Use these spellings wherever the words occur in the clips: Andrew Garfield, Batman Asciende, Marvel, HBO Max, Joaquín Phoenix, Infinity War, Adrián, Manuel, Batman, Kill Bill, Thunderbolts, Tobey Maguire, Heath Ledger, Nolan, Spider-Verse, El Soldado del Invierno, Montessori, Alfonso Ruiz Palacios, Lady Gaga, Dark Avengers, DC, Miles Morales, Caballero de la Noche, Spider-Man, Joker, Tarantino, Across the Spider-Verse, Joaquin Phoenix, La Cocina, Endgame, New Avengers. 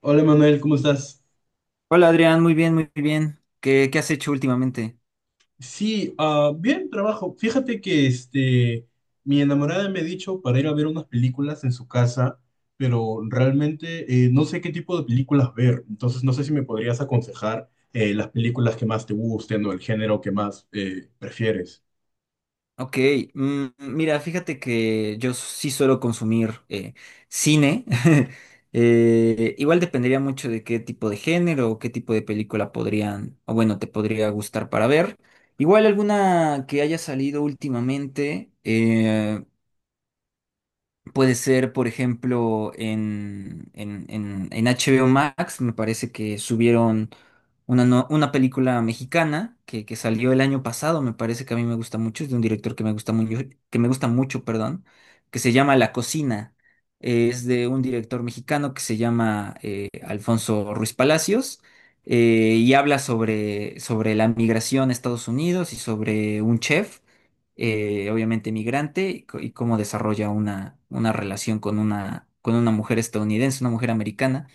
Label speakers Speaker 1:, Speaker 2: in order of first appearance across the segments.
Speaker 1: Hola Manuel, ¿cómo estás?
Speaker 2: Hola Adrián, muy bien, muy bien. ¿¿Qué has hecho últimamente?
Speaker 1: Sí, bien, trabajo. Fíjate que mi enamorada me ha dicho para ir a ver unas películas en su casa, pero realmente no sé qué tipo de películas ver. Entonces no sé si me podrías aconsejar las películas que más te gusten o el género que más prefieres.
Speaker 2: Ok, mm, mira, fíjate que yo sí suelo consumir cine. Igual dependería mucho de qué tipo de género o qué tipo de película podrían, o bueno, te podría gustar para ver. Igual alguna que haya salido últimamente. Puede ser, por ejemplo, en HBO Max. Me parece que subieron una, una película mexicana que salió el año pasado, me parece que a mí me gusta mucho. Es de un director que me gusta mucho, que me gusta mucho, perdón, que se llama La Cocina. Es de un director mexicano que se llama Alfonso Ruiz Palacios, y habla sobre, sobre la migración a Estados Unidos y sobre un chef, obviamente migrante, y, y cómo desarrolla una relación con una mujer estadounidense, una mujer americana.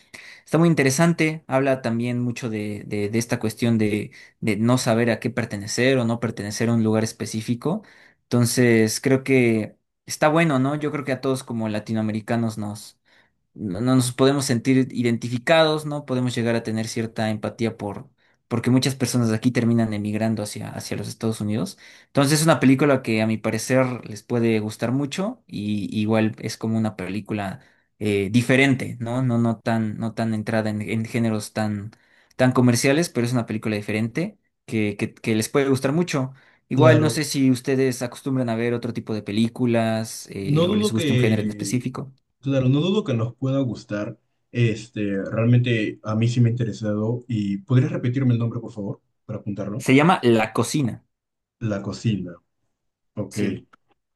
Speaker 2: Está muy interesante, habla también mucho de esta cuestión de no saber a qué pertenecer o no pertenecer a un lugar específico. Entonces, creo que está bueno, ¿no? Yo creo que a todos como latinoamericanos nos, no nos podemos sentir identificados, ¿no? Podemos llegar a tener cierta empatía por, porque muchas personas de aquí terminan emigrando hacia, hacia los Estados Unidos. Entonces es una película que a mi parecer les puede gustar mucho y igual es como una película diferente, ¿no? No, no tan, no tan entrada en géneros tan, tan comerciales, pero es una película diferente que les puede gustar mucho. Igual no
Speaker 1: Claro,
Speaker 2: sé si ustedes acostumbran a ver otro tipo de películas
Speaker 1: no
Speaker 2: o les
Speaker 1: dudo
Speaker 2: guste un género en
Speaker 1: que,
Speaker 2: específico.
Speaker 1: claro, no dudo que nos pueda gustar. Realmente a mí sí me ha interesado. ¿Y podrías repetirme el nombre, por favor, para apuntarlo?
Speaker 2: Se llama La Cocina.
Speaker 1: La cocina. Ok.
Speaker 2: Sí.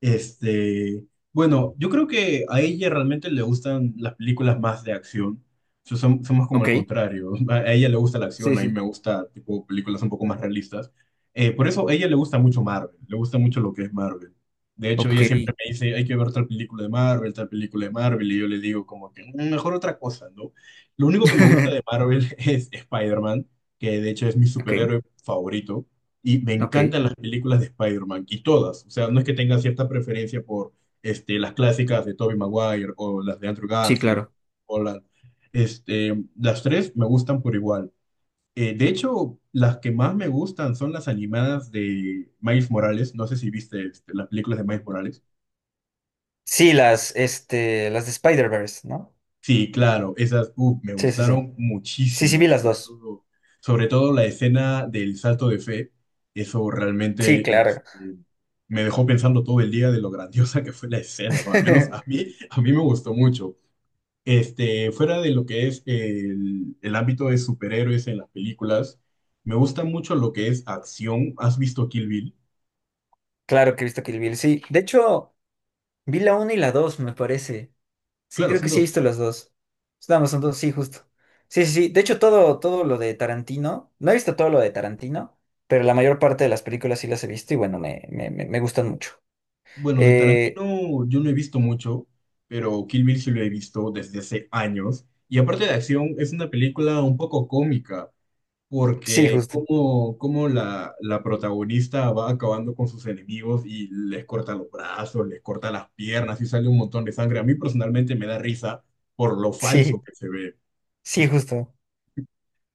Speaker 1: Este, bueno, yo creo que a ella realmente le gustan las películas más de acción. Somos como
Speaker 2: Ok,
Speaker 1: el contrario. A ella le gusta la acción,
Speaker 2: sí,
Speaker 1: a mí
Speaker 2: sí.
Speaker 1: me gusta tipo películas un poco más realistas. Por eso a ella le gusta mucho Marvel, le gusta mucho lo que es Marvel. De hecho,
Speaker 2: Ok.
Speaker 1: ella siempre me dice, hay que ver tal película de Marvel, tal película de Marvel, y yo le digo como que "Mm, mejor otra cosa, ¿no?" Lo único que me gusta de Marvel es Spider-Man, que de hecho es mi
Speaker 2: Ok.
Speaker 1: superhéroe favorito. Y me
Speaker 2: Ok.
Speaker 1: encantan las películas de Spider-Man, y todas. O sea, no es que tenga cierta preferencia por las clásicas de Tobey Maguire o las de Andrew
Speaker 2: Sí,
Speaker 1: Garfield.
Speaker 2: claro.
Speaker 1: O las, las tres me gustan por igual. De hecho, las que más me gustan son las animadas de Miles Morales. No sé si viste las películas de Miles Morales.
Speaker 2: Sí, las, este, las de Spider-Verse, ¿no?
Speaker 1: Sí, claro, esas uf, me
Speaker 2: Sí, sí, sí.
Speaker 1: gustaron
Speaker 2: Sí, sí,
Speaker 1: muchísimo,
Speaker 2: vi las dos.
Speaker 1: sobre todo la escena del salto de fe. Eso
Speaker 2: Sí,
Speaker 1: realmente
Speaker 2: claro.
Speaker 1: me dejó pensando todo el día de lo grandiosa que fue la escena, ¿no? Al menos a mí me gustó mucho. Fuera de lo que es el ámbito de superhéroes en las películas, me gusta mucho lo que es acción. ¿Has visto Kill Bill?
Speaker 2: Claro que he visto Kill Bill, sí. De hecho, vi la 1 y la dos me parece. Sí,
Speaker 1: Claro,
Speaker 2: creo que
Speaker 1: son
Speaker 2: sí he
Speaker 1: dos.
Speaker 2: visto las dos. Nada más son dos, sí, justo. Sí, sí, sí. De hecho, todo, todo lo de Tarantino, no he visto todo lo de Tarantino, pero la mayor parte de las películas sí las he visto y bueno, me gustan mucho.
Speaker 1: Bueno, de
Speaker 2: Eh,
Speaker 1: Tarantino yo no he visto mucho, pero Kill Bill sí lo he visto desde hace años. Y aparte de acción, es una película un poco cómica,
Speaker 2: Sí,
Speaker 1: porque
Speaker 2: justo.
Speaker 1: como la protagonista va acabando con sus enemigos y les corta los brazos, les corta las piernas y sale un montón de sangre. A mí personalmente me da risa por lo falso
Speaker 2: Sí,
Speaker 1: que se ve.
Speaker 2: sí, justo.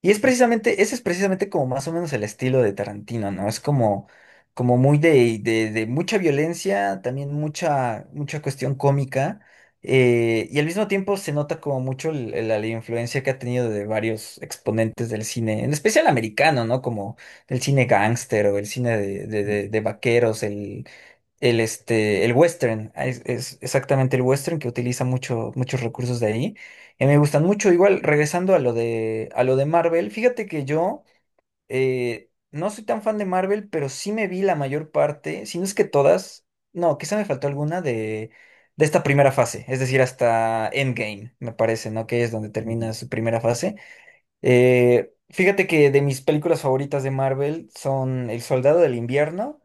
Speaker 2: Y es precisamente, ese es precisamente como más o menos el estilo de Tarantino, ¿no? Es como, como muy de mucha violencia, también mucha, mucha cuestión cómica, y al mismo tiempo se nota como mucho la, influencia que ha tenido de varios exponentes del cine, en especial americano, ¿no? Como el cine gángster o el cine
Speaker 1: Ujú,
Speaker 2: de vaqueros, el, este, el western, ah, es exactamente el western que utiliza mucho, muchos recursos de ahí. Y me gustan mucho. Igual, regresando a lo de Marvel, fíjate que yo, no soy tan fan de Marvel, pero sí me vi la mayor parte, si no es que todas, no, quizá me faltó alguna de esta primera fase, es decir, hasta Endgame, me parece, ¿no? Que es donde termina
Speaker 1: ujú.
Speaker 2: su primera fase. Fíjate que de mis películas favoritas de Marvel son El Soldado del Invierno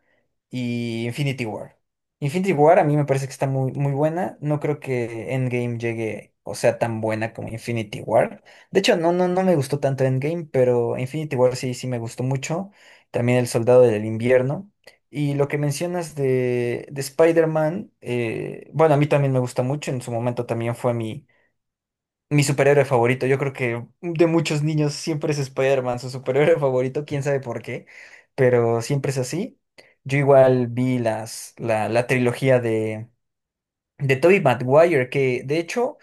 Speaker 2: y Infinity War. Infinity War a mí me parece que está muy, muy buena. No creo que Endgame llegue o sea tan buena como Infinity War. De hecho, no me gustó tanto Endgame, pero Infinity War sí, sí me gustó mucho. También El Soldado del Invierno. Y lo que mencionas de Spider-Man, bueno, a mí también me gusta mucho. En su momento también fue mi superhéroe favorito, yo creo que de muchos niños siempre es Spider-Man, su superhéroe favorito, quién sabe por qué, pero siempre es así. Yo igual vi las, la trilogía de Tobey Maguire, que de hecho,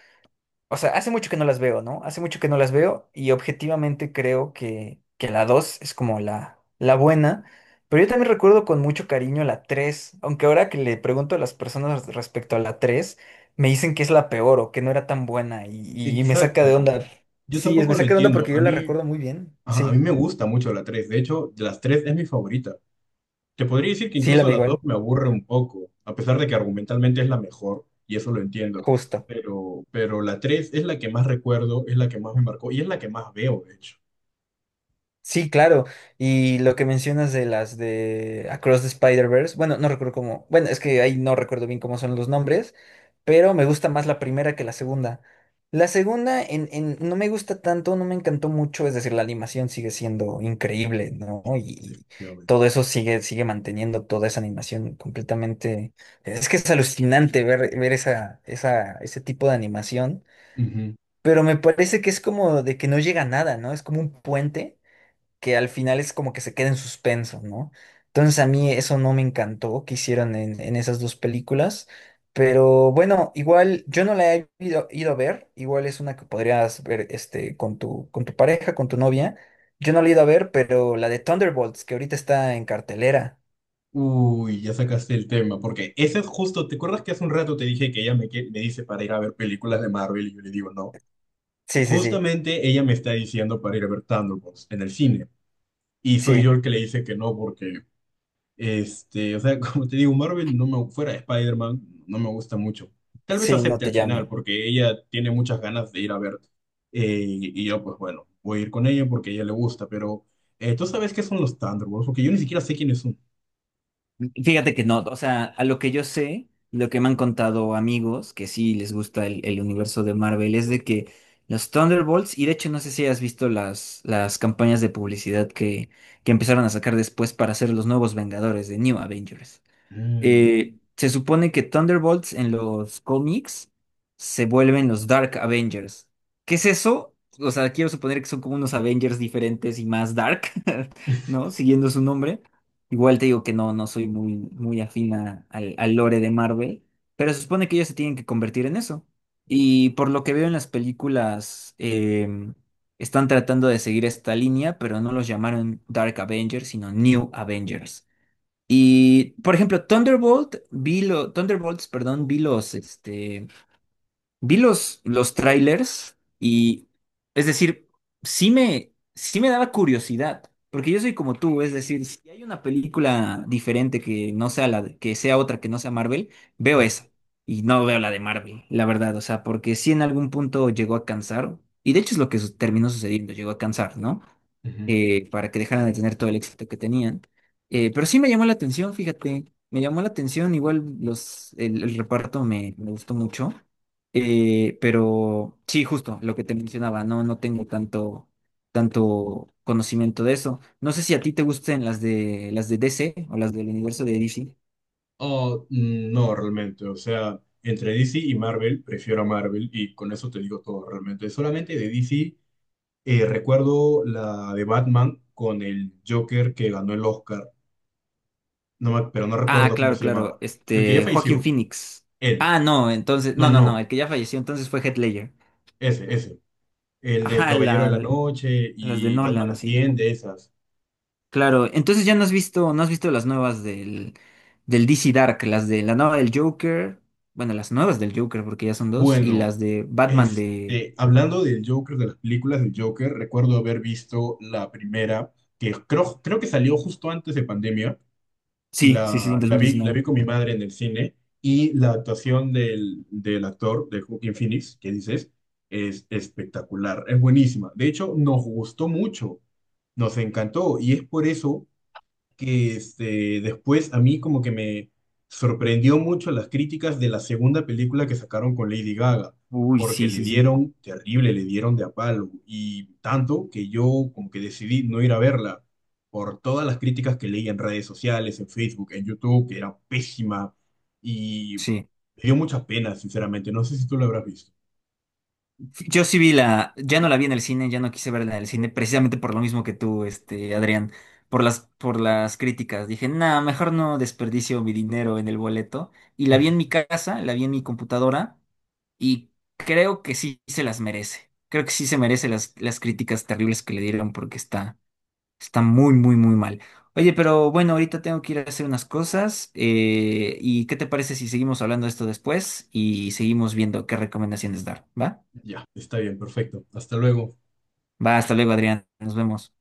Speaker 2: o sea, hace mucho que no las veo, ¿no? Hace mucho que no las veo y objetivamente creo que la 2 es como la buena, pero yo también recuerdo con mucho cariño la 3, aunque ahora que le pregunto a las personas respecto a la 3, me dicen que es la peor o que no era tan buena y me saca de
Speaker 1: Exacto.
Speaker 2: onda.
Speaker 1: Yo
Speaker 2: Sí, me
Speaker 1: tampoco lo
Speaker 2: saca de onda
Speaker 1: entiendo.
Speaker 2: porque
Speaker 1: A
Speaker 2: yo la
Speaker 1: mí,
Speaker 2: recuerdo muy bien.
Speaker 1: ajá, a mí
Speaker 2: Sí,
Speaker 1: me gusta mucho la 3. De hecho, de las 3 es mi favorita. Te podría decir que
Speaker 2: sí, la
Speaker 1: incluso
Speaker 2: veo
Speaker 1: la 2
Speaker 2: igual,
Speaker 1: me aburre un poco, a pesar de que argumentalmente es la mejor, y eso lo entiendo.
Speaker 2: justo.
Speaker 1: Pero la 3 es la que más recuerdo, es la que más me marcó y es la que más veo, de hecho.
Speaker 2: Sí, claro. Y lo que mencionas de las de Across the Spider-Verse, bueno, no recuerdo cómo, bueno, es que ahí no recuerdo bien cómo son los nombres, pero me gusta más la primera que la segunda. La segunda no me gusta tanto, no me encantó mucho, es decir, la animación sigue siendo increíble, ¿no?
Speaker 1: Sí,
Speaker 2: Y
Speaker 1: definitivamente.
Speaker 2: todo eso sigue, sigue manteniendo toda esa animación completamente. Es que es alucinante ver, ver esa, esa, ese tipo de animación,
Speaker 1: Ujú.
Speaker 2: pero me parece que es como de que no llega a nada, ¿no? Es como un puente que al final es como que se queda en suspenso, ¿no? Entonces a mí eso no me encantó que hicieron en esas dos películas, pero bueno, igual yo no la he ido a ver. Igual es una que podrías ver este, con tu pareja, con tu novia. Yo no la he ido a ver, pero la de Thunderbolts, que ahorita está en cartelera.
Speaker 1: Uy, ya sacaste el tema, porque ese es justo, ¿te acuerdas que hace un rato te dije que me dice para ir a ver películas de Marvel y yo le digo no?
Speaker 2: Sí, sí, sí,
Speaker 1: Justamente ella me está diciendo para ir a ver Thunderbolts en el cine. Y soy yo
Speaker 2: sí,
Speaker 1: el que le dice que no, porque o sea, como te digo, Marvel no me, fuera de Spider-Man no me gusta mucho. Tal vez
Speaker 2: sí, no
Speaker 1: acepte al
Speaker 2: te
Speaker 1: final,
Speaker 2: llamo.
Speaker 1: porque ella tiene muchas ganas de ir a ver. Y yo, pues bueno, voy a ir con ella porque a ella le gusta, pero ¿tú sabes qué son los Thunderbolts? Porque yo ni siquiera sé quiénes son.
Speaker 2: Fíjate que no, o sea, a lo que yo sé, lo que me han contado amigos que sí les gusta el universo de Marvel es de que los Thunderbolts, y de hecho no sé si has visto las campañas de publicidad que empezaron a sacar después para hacer los nuevos Vengadores de New Avengers.
Speaker 1: Mm.
Speaker 2: Se supone que Thunderbolts en los cómics se vuelven los Dark Avengers. ¿Qué es eso? O sea, quiero suponer que son como unos Avengers diferentes y más dark, ¿no? Siguiendo su nombre. Igual te digo que no, no soy muy, muy afín al, al lore de Marvel, pero se supone que ellos se tienen que convertir en eso. Y por lo que veo en las películas, están tratando de seguir esta línea, pero no los llamaron Dark Avengers, sino New Avengers. Y, por ejemplo, Thunderbolts, perdón, vi los, este, vi los trailers y, es decir, sí me daba curiosidad, porque yo soy como tú, es decir, si hay una película diferente que no sea la, que sea otra que no sea Marvel, veo esa y no veo la de Marvel, la verdad, o sea, porque sí en algún punto llegó a cansar, y de hecho es lo que terminó sucediendo, llegó a cansar, ¿no?
Speaker 1: Ujú.
Speaker 2: Para que dejaran de tener todo el éxito que tenían. Pero sí me llamó la atención, fíjate, me llamó la atención, igual los, el reparto me gustó mucho. Pero sí, justo lo que te mencionaba, no, no tengo tanto, tanto conocimiento de eso. No sé si a ti te gusten las de DC o las del universo de DC.
Speaker 1: Oh, no, realmente. O sea, entre DC y Marvel, prefiero a Marvel y con eso te digo todo realmente. Solamente de DC recuerdo la de Batman con el Joker que ganó el Oscar. Pero no
Speaker 2: Ah,
Speaker 1: recuerdo cómo
Speaker 2: claro,
Speaker 1: se
Speaker 2: claro.
Speaker 1: llamaba. El que ya
Speaker 2: Este, Joaquín
Speaker 1: falleció.
Speaker 2: Phoenix.
Speaker 1: Él.
Speaker 2: Ah, no, entonces,
Speaker 1: No, no,
Speaker 2: no,
Speaker 1: no.
Speaker 2: el que ya falleció entonces fue Heath Ledger.
Speaker 1: Ese, ese. El del
Speaker 2: Ajá,
Speaker 1: Caballero de la Noche
Speaker 2: las de
Speaker 1: y Batman
Speaker 2: Nolan, sí.
Speaker 1: Asciende, esas.
Speaker 2: Claro, entonces ya no has visto, no has visto las nuevas del, del DC Dark, las de la nueva del Joker, bueno, las nuevas del Joker, porque ya son dos, y
Speaker 1: Bueno,
Speaker 2: las de Batman de...
Speaker 1: hablando del Joker, de las películas del Joker, recuerdo haber visto la primera, que creo que salió justo antes de pandemia,
Speaker 2: Sí, sí,
Speaker 1: la,
Speaker 2: sí, en dos mil
Speaker 1: la
Speaker 2: diecinueve.
Speaker 1: vi con mi madre en el cine y la actuación del actor, de Joaquin Phoenix, que dices, es espectacular, es buenísima. De hecho, nos gustó mucho, nos encantó y es por eso que después a mí como que me sorprendió mucho las críticas de la segunda película que sacaron con Lady Gaga,
Speaker 2: Uy,
Speaker 1: porque
Speaker 2: sí,
Speaker 1: le
Speaker 2: sí, sí.
Speaker 1: dieron terrible, le dieron de a palo, y tanto que yo como que decidí no ir a verla por todas las críticas que leí en redes sociales, en Facebook, en YouTube, que era pésima, y
Speaker 2: Sí.
Speaker 1: me dio mucha pena, sinceramente, no sé si tú lo habrás visto.
Speaker 2: Yo sí vi la, ya no la vi en el cine, ya no quise verla en el cine, precisamente por lo mismo que tú, este, Adrián, por las críticas. Dije, nada, mejor no desperdicio mi dinero en el boleto. Y la vi en mi casa, la vi en mi computadora, y creo que sí se las merece. Creo que sí se merece las críticas terribles que le dieron porque está, está muy, muy, muy mal. Oye, pero bueno, ahorita tengo que ir a hacer unas cosas. ¿Y qué te parece si seguimos hablando de esto después y seguimos viendo qué recomendaciones dar? ¿Va?
Speaker 1: Ya, está bien, perfecto. Hasta luego.
Speaker 2: Va, hasta luego, Adrián. Nos vemos.